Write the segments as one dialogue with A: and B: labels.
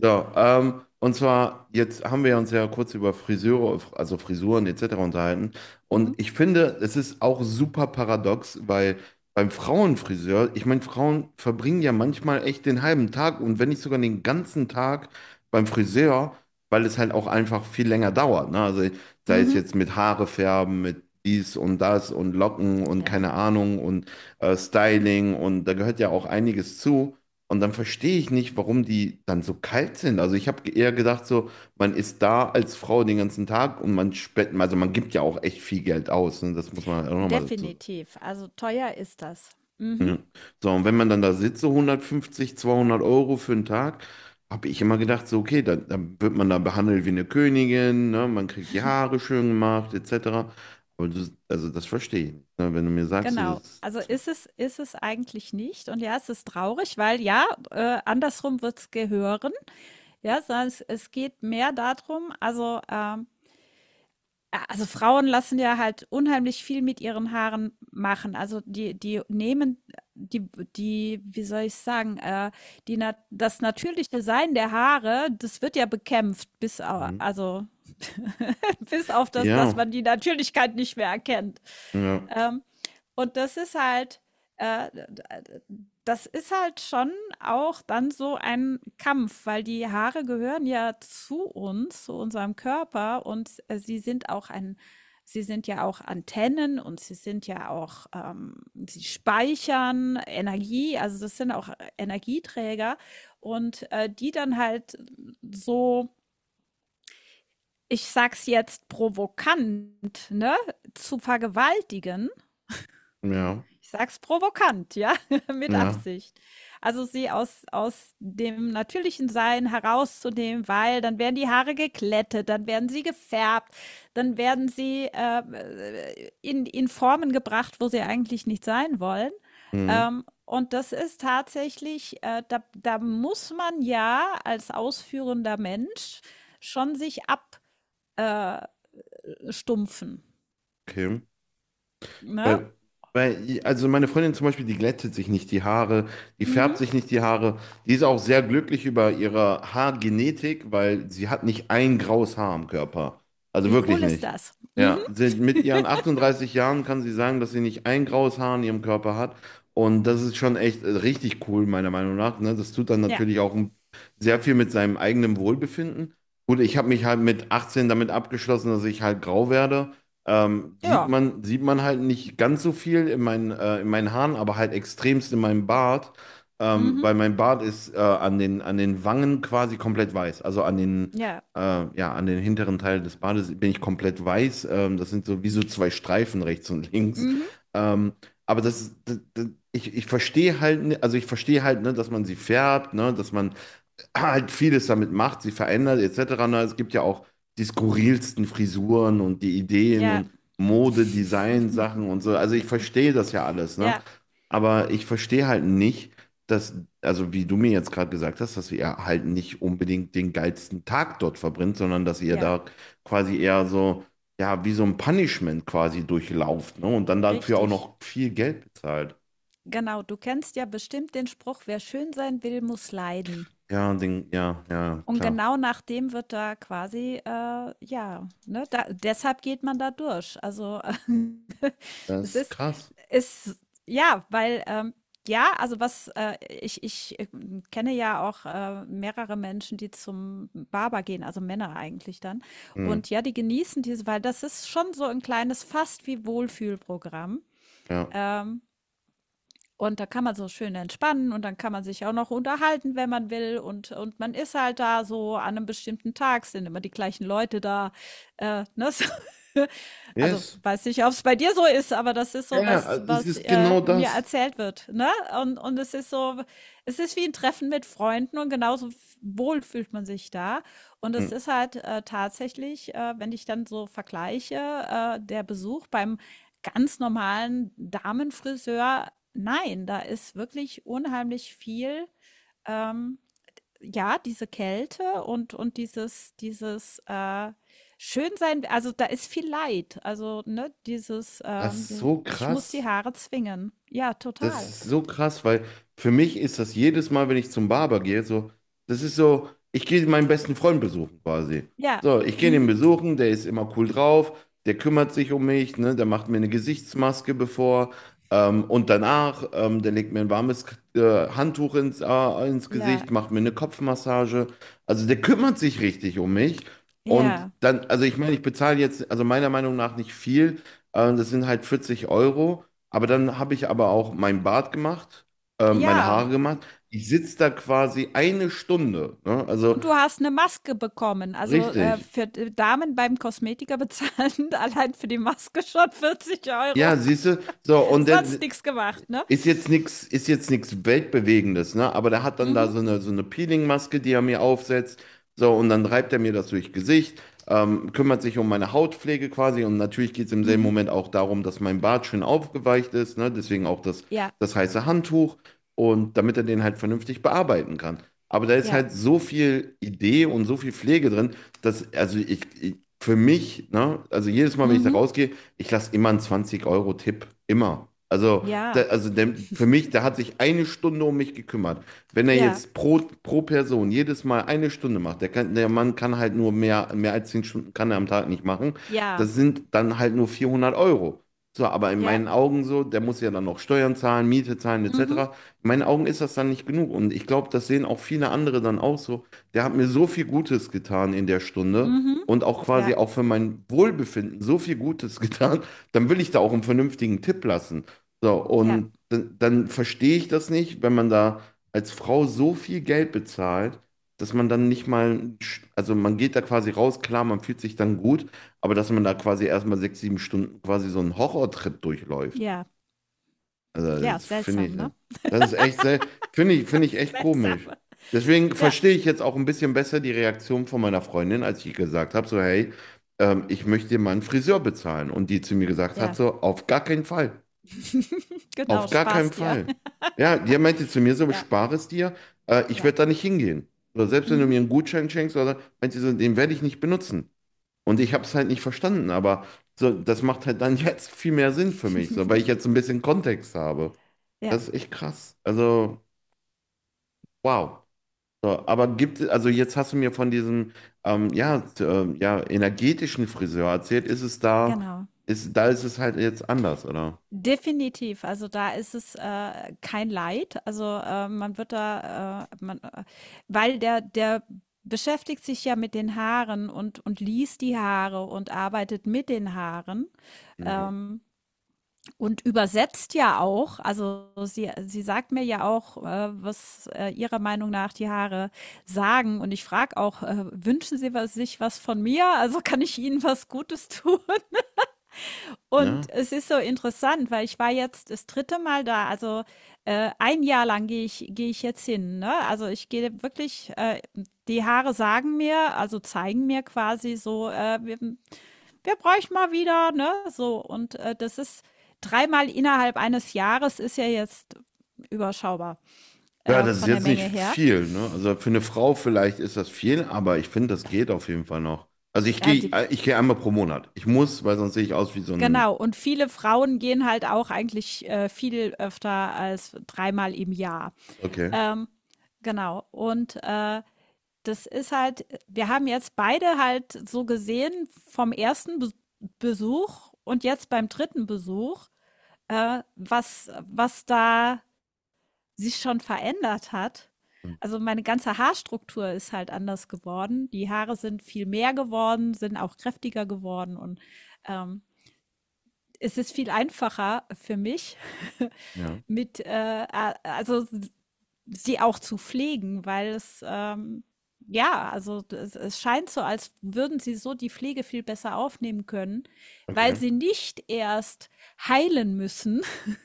A: So, und zwar, jetzt haben wir uns ja kurz über Friseure, also Frisuren etc. unterhalten. Und
B: Mhm.
A: ich finde, es ist auch super paradox, weil beim Frauenfriseur, ich meine, Frauen verbringen ja manchmal echt den halben Tag und wenn nicht sogar den ganzen Tag beim Friseur, weil es halt auch einfach viel länger dauert. Ne? Also sei es
B: Mhm.
A: jetzt mit Haare färben, mit dies und das und Locken und
B: Ja,
A: keine Ahnung und Styling und da gehört ja auch einiges zu. Und dann verstehe ich nicht, warum die dann so kalt sind. Also ich habe eher gedacht, so, man ist da als Frau den ganzen Tag und man spenden, also man gibt ja auch echt viel Geld aus. Ne? Das muss man halt auch nochmal dazu sagen.
B: definitiv. Also teuer ist das. Mhm.
A: Mhm. So, und wenn man dann da sitzt, so 150, 200 € für einen Tag, habe ich immer gedacht, so, okay, dann wird man da behandelt wie eine Königin, ne? Man kriegt die Haare schön gemacht, etc. Aber du, also das verstehe ich nicht. Ne? Wenn du mir sagst, so,
B: Genau.
A: das,
B: Also
A: das,
B: ist es eigentlich nicht. Und ja, es ist traurig, weil ja, andersrum wird es gehören. Ja, sondern es geht mehr darum, also A also, Frauen lassen ja halt unheimlich viel mit ihren Haaren machen. Also, die nehmen die die wie soll ich sagen, die nat das natürliche Sein der Haare, das wird ja bekämpft bis au
A: mhm.
B: also bis auf das, dass
A: Ja,
B: man die Natürlichkeit nicht mehr erkennt.
A: ja,
B: Ähm, und das ist halt äh, das ist halt schon auch dann so ein Kampf, weil die Haare gehören ja zu uns, zu unserem Körper und, sie sind ja auch Antennen und sie speichern Energie, also das sind auch Energieträger und, die dann halt so, ich sag's jetzt provokant, ne, zu vergewaltigen,
A: ja,
B: ich sag's provokant, ja, mit
A: ja,
B: Absicht. Also sie aus dem natürlichen Sein herauszunehmen, weil dann werden die Haare geglättet, dann werden sie gefärbt, dann werden sie in Formen gebracht, wo sie eigentlich nicht sein wollen.
A: mhm.
B: Und das ist tatsächlich, da muss man ja als ausführender Mensch schon sich abstumpfen.
A: Okay.
B: Ne?
A: Weil, weil, also meine Freundin zum Beispiel, die glättet sich nicht die Haare, die färbt
B: Mhm.
A: sich nicht die Haare. Die ist auch sehr glücklich über ihre Haargenetik, weil sie hat nicht ein graues Haar am Körper. Also
B: Wie
A: wirklich
B: cool ist
A: nicht.
B: das? Mhm.
A: Ja, sie, mit ihren 38 Jahren kann sie sagen, dass sie nicht ein graues Haar an ihrem Körper hat. Und das ist schon echt richtig cool, meiner Meinung nach. Ne? Das tut dann
B: Ja.
A: natürlich auch sehr viel mit seinem eigenen Wohlbefinden. Gut, ich habe mich halt mit 18 damit abgeschlossen, dass ich halt grau werde. Sieht
B: Ja.
A: man, sieht man halt nicht ganz so viel in meinen Haaren, aber halt extremst in meinem Bart,
B: Mhm.
A: weil mein Bart ist an den Wangen quasi komplett weiß. Also an den,
B: Ja.
A: äh, ja, an den hinteren Teil des Bartes bin ich komplett weiß. Das sind so wie so zwei Streifen rechts und links.
B: Mhm.
A: Ähm, aber das, das, das ich, ich verstehe halt, ne- also ich verstehe halt, ne, dass man sie färbt, ne, dass man halt vieles damit macht, sie verändert etc. Na, es gibt ja auch die skurrilsten Frisuren und die Ideen
B: Ja.
A: und Mode, Design, Sachen und so. Also ich verstehe das ja alles, ne?
B: Ja.
A: Aber ich verstehe halt nicht, dass, also wie du mir jetzt gerade gesagt hast, dass ihr halt nicht unbedingt den geilsten Tag dort verbringt, sondern dass ihr
B: Ja.
A: da quasi eher so, ja, wie so ein Punishment quasi durchlauft, ne? Und dann dafür auch
B: Richtig.
A: noch viel Geld bezahlt.
B: Genau. Du kennst ja bestimmt den Spruch, wer schön sein will, muss leiden.
A: Ja, den, ja, ja,
B: Und
A: klar.
B: genau nach dem wird da quasi, ja, ne, da deshalb geht man da durch. Also,
A: Das
B: das
A: ist
B: ist
A: krass.
B: ist ja, weil, ja, also was, ich, kenne ja auch, mehrere Menschen, die zum Barber gehen, also Männer eigentlich dann.
A: Hm,
B: Und ja, die genießen diese weil das ist schon so ein kleines fast wie Wohlfühlprogramm.
A: ja.
B: Ähm und da kann man so schön entspannen und dann kann man sich auch noch unterhalten, wenn man will. Und man ist halt da so an einem bestimmten Tag, sind immer die gleichen Leute da, ne? So. Also,
A: Yes.
B: weiß nicht, ob es bei dir so ist, aber das ist
A: Ja,
B: so
A: ja,
B: was,
A: es
B: was,
A: ist genau
B: mir
A: das.
B: erzählt wird, ne? Und es ist wie ein Treffen mit Freunden und genauso wohl fühlt man sich da. Und es
A: Hm.
B: ist halt, tatsächlich, wenn ich dann so vergleiche, der Besuch beim ganz normalen Damenfriseur, nein, da ist wirklich unheimlich viel, ähm, ja, diese Kälte und, dieses Schönsein, also da ist viel Leid. Also, ne, dieses,
A: Das ist so
B: ich muss die
A: krass.
B: Haare zwingen. Ja,
A: Das
B: total.
A: ist so krass, weil für mich ist das jedes Mal, wenn ich zum Barber gehe, so, das ist so, ich gehe meinen besten Freund besuchen quasi.
B: Ja,
A: So, ich gehe ihn
B: mhm.
A: besuchen, der ist immer cool drauf, der kümmert sich um mich, ne, der macht mir eine Gesichtsmaske bevor und danach, der legt mir ein warmes äh, Handtuch ins
B: Ja,
A: Gesicht, macht mir eine Kopfmassage. Also der kümmert sich richtig um mich. Und
B: ja,
A: dann, also ich meine, ich bezahle jetzt, also meiner Meinung nach nicht viel, das sind halt 40 Euro. Aber dann habe ich aber auch mein Bart gemacht, meine
B: ja.
A: Haare gemacht. Ich sitze da quasi eine Stunde. Ne? Also
B: Und du hast eine Maske bekommen. Also
A: richtig.
B: für Damen beim Kosmetiker bezahlen allein für die Maske schon 40 Euro.
A: Ja, siehst du, so und
B: Sonst
A: dann
B: nichts gemacht, ne?
A: ist jetzt nichts Weltbewegendes, ne? Aber der hat dann da
B: Mhm,
A: so eine Peeling-Maske, die er mir aufsetzt. So, und dann reibt er mir das durchs Gesicht, kümmert sich um meine Hautpflege quasi. Und natürlich geht es im selben
B: mhm.
A: Moment auch darum, dass mein Bart schön aufgeweicht ist, ne? Deswegen auch das,
B: Ja,
A: das heiße Handtuch. Und damit er den halt vernünftig bearbeiten kann. Aber da ist
B: ja.
A: halt so viel Idee und so viel Pflege drin, ich für mich, ne? Also jedes Mal, wenn ich da
B: Mhm.
A: rausgehe, ich lasse immer einen 20 € Tipp immer. Also
B: Ja,
A: für mich, der hat sich eine Stunde um mich gekümmert. Wenn er
B: ja,
A: jetzt pro Person jedes Mal eine Stunde macht, der Mann kann halt mehr als 10 Stunden kann er am Tag nicht machen.
B: ja,
A: Das sind dann halt nur 400 Euro. So, aber in meinen
B: ja.
A: Augen so, der muss ja dann noch Steuern zahlen, Miete zahlen,
B: Mhm,
A: etc. In meinen Augen ist das dann nicht genug. Und ich glaube, das sehen auch viele andere dann auch so. Der hat mir so viel Gutes getan in der Stunde
B: mhm.
A: und auch quasi
B: Ja,
A: auch für mein Wohlbefinden so viel Gutes getan, dann will ich da auch einen vernünftigen Tipp lassen. So,
B: ja,
A: und dann verstehe ich das nicht, wenn man da als Frau so viel Geld bezahlt, dass man dann nicht mal, also man geht da quasi raus, klar, man fühlt sich dann gut, aber dass man da quasi erstmal 6, 7 Stunden quasi so einen Horrortrip durchläuft.
B: ja.
A: Also,
B: Ja,
A: das finde
B: seltsam,
A: ich,
B: ne?
A: das ist echt sehr, finde ich echt komisch.
B: Seltsam.
A: Deswegen
B: Ja,
A: verstehe ich jetzt auch ein bisschen besser die Reaktion von meiner Freundin, als ich gesagt habe, so, hey, ich möchte dir mal einen Friseur bezahlen. Und die zu mir gesagt hat,
B: ja.
A: so, auf gar keinen Fall.
B: Genau,
A: Auf gar keinen
B: Spaß dir.
A: Fall. Ja, der meinte zu mir so,
B: Ja,
A: spare es dir, ich
B: ja.
A: werde da nicht hingehen. Oder selbst wenn du
B: Mhm.
A: mir einen Gutschein schenkst, oder so, meinte sie so, den werde ich nicht benutzen. Und ich habe es halt nicht verstanden, aber so, das macht halt dann jetzt viel mehr Sinn für mich, so, weil ich jetzt so ein bisschen Kontext habe.
B: Ja,
A: Das ist echt krass. Also, wow. So, aber gibt es, also jetzt hast du mir von diesem ja, ja, energetischen Friseur erzählt, ist es da,
B: genau.
A: da ist es halt jetzt anders, oder?
B: Definitiv. Also, da ist es, kein Leid. Also, man wird da, man weil der beschäftigt sich ja mit den Haaren und liest die Haare und arbeitet mit den Haaren,
A: Mhm.
B: ähm, und übersetzt ja auch. Also, sie sagt mir ja auch, was, ihrer Meinung nach die Haare sagen. Und ich frage auch, „Wünschen Sie was sich was von mir? Also, kann ich Ihnen was Gutes tun?“
A: Ne?
B: Und es ist so interessant, weil ich war jetzt das dritte Mal da. Also ein Jahr lang gehe ich jetzt hin. Ne? Also ich gehe wirklich, die Haare sagen mir, also zeigen mir quasi so, wir bräuchten mal wieder, ne? So. Und das ist dreimal innerhalb eines Jahres ist ja jetzt überschaubar
A: Ja, das ist
B: von der
A: jetzt nicht
B: Menge her.
A: viel, ne? Also für eine Frau vielleicht ist das viel, aber ich finde, das geht auf jeden Fall noch. Also ich
B: Ja,
A: gehe,
B: die,
A: ich gehe einmal pro Monat. Ich muss, weil sonst sehe ich aus wie so ein.
B: genau. Und viele Frauen gehen halt auch eigentlich viel öfter als dreimal im Jahr.
A: Okay.
B: Ähm, genau. Und, das ist halt wir haben jetzt beide halt so gesehen vom ersten Besuch und jetzt beim dritten Besuch, was da sich schon verändert hat.
A: Hm,
B: Also, meine ganze Haarstruktur ist halt anders geworden. Die Haare sind viel mehr geworden, sind auch kräftiger geworden und, ähm, es ist viel einfacher für mich
A: ja.
B: mit, a also sie auch zu pflegen, weil es ja, also es scheint so, als würden sie so die Pflege viel besser aufnehmen können, weil
A: Okay.
B: sie nicht erst heilen müssen.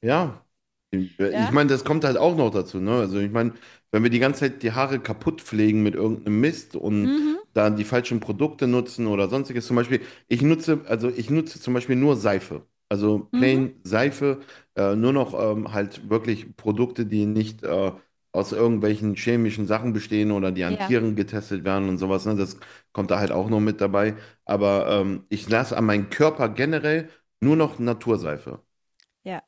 A: Ja, ich
B: Ja.
A: meine, das kommt halt auch noch dazu, ne? Also ich meine, wenn wir die ganze Zeit die Haare kaputt pflegen mit irgendeinem Mist und
B: Mhm.
A: dann die falschen Produkte nutzen oder sonstiges, zum Beispiel, also ich nutze zum Beispiel nur Seife, also
B: Mhm.
A: plain Seife, nur noch halt wirklich Produkte, die nicht aus irgendwelchen chemischen Sachen bestehen oder die an
B: Ja.
A: Tieren getestet werden und sowas, ne? Das kommt da halt auch noch mit dabei, aber ich lasse an meinen Körper generell nur noch Naturseife.
B: Ja.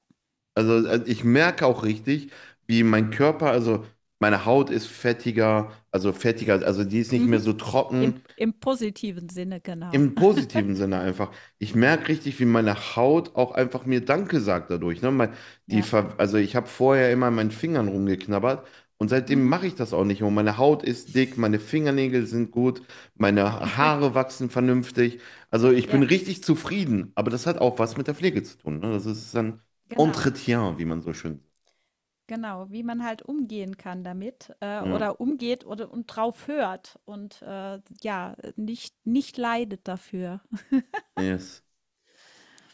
A: Also, ich merke auch richtig, wie mein Körper, also meine Haut ist fettiger, also die ist nicht mehr
B: Mhm.
A: so
B: Im,
A: trocken,
B: Im positiven Sinne, genau.
A: im positiven Sinne einfach. Ich merke richtig, wie meine Haut auch einfach mir Danke sagt dadurch. Ne?
B: Ja.
A: Also ich habe vorher immer an meinen Fingern rumgeknabbert und seitdem
B: Mhm.
A: mache ich das auch nicht mehr. Und meine Haut ist dick, meine Fingernägel sind gut, meine Haare wachsen vernünftig. Also ich bin
B: Ja,
A: richtig zufrieden, aber das hat auch was mit der Pflege zu tun. Ne? Das ist dann
B: genau.
A: Entretien, wie man so schön.
B: Genau, wie man halt umgehen kann damit
A: Ja,
B: oder umgeht oder und drauf hört und ja, nicht leidet dafür.
A: yes.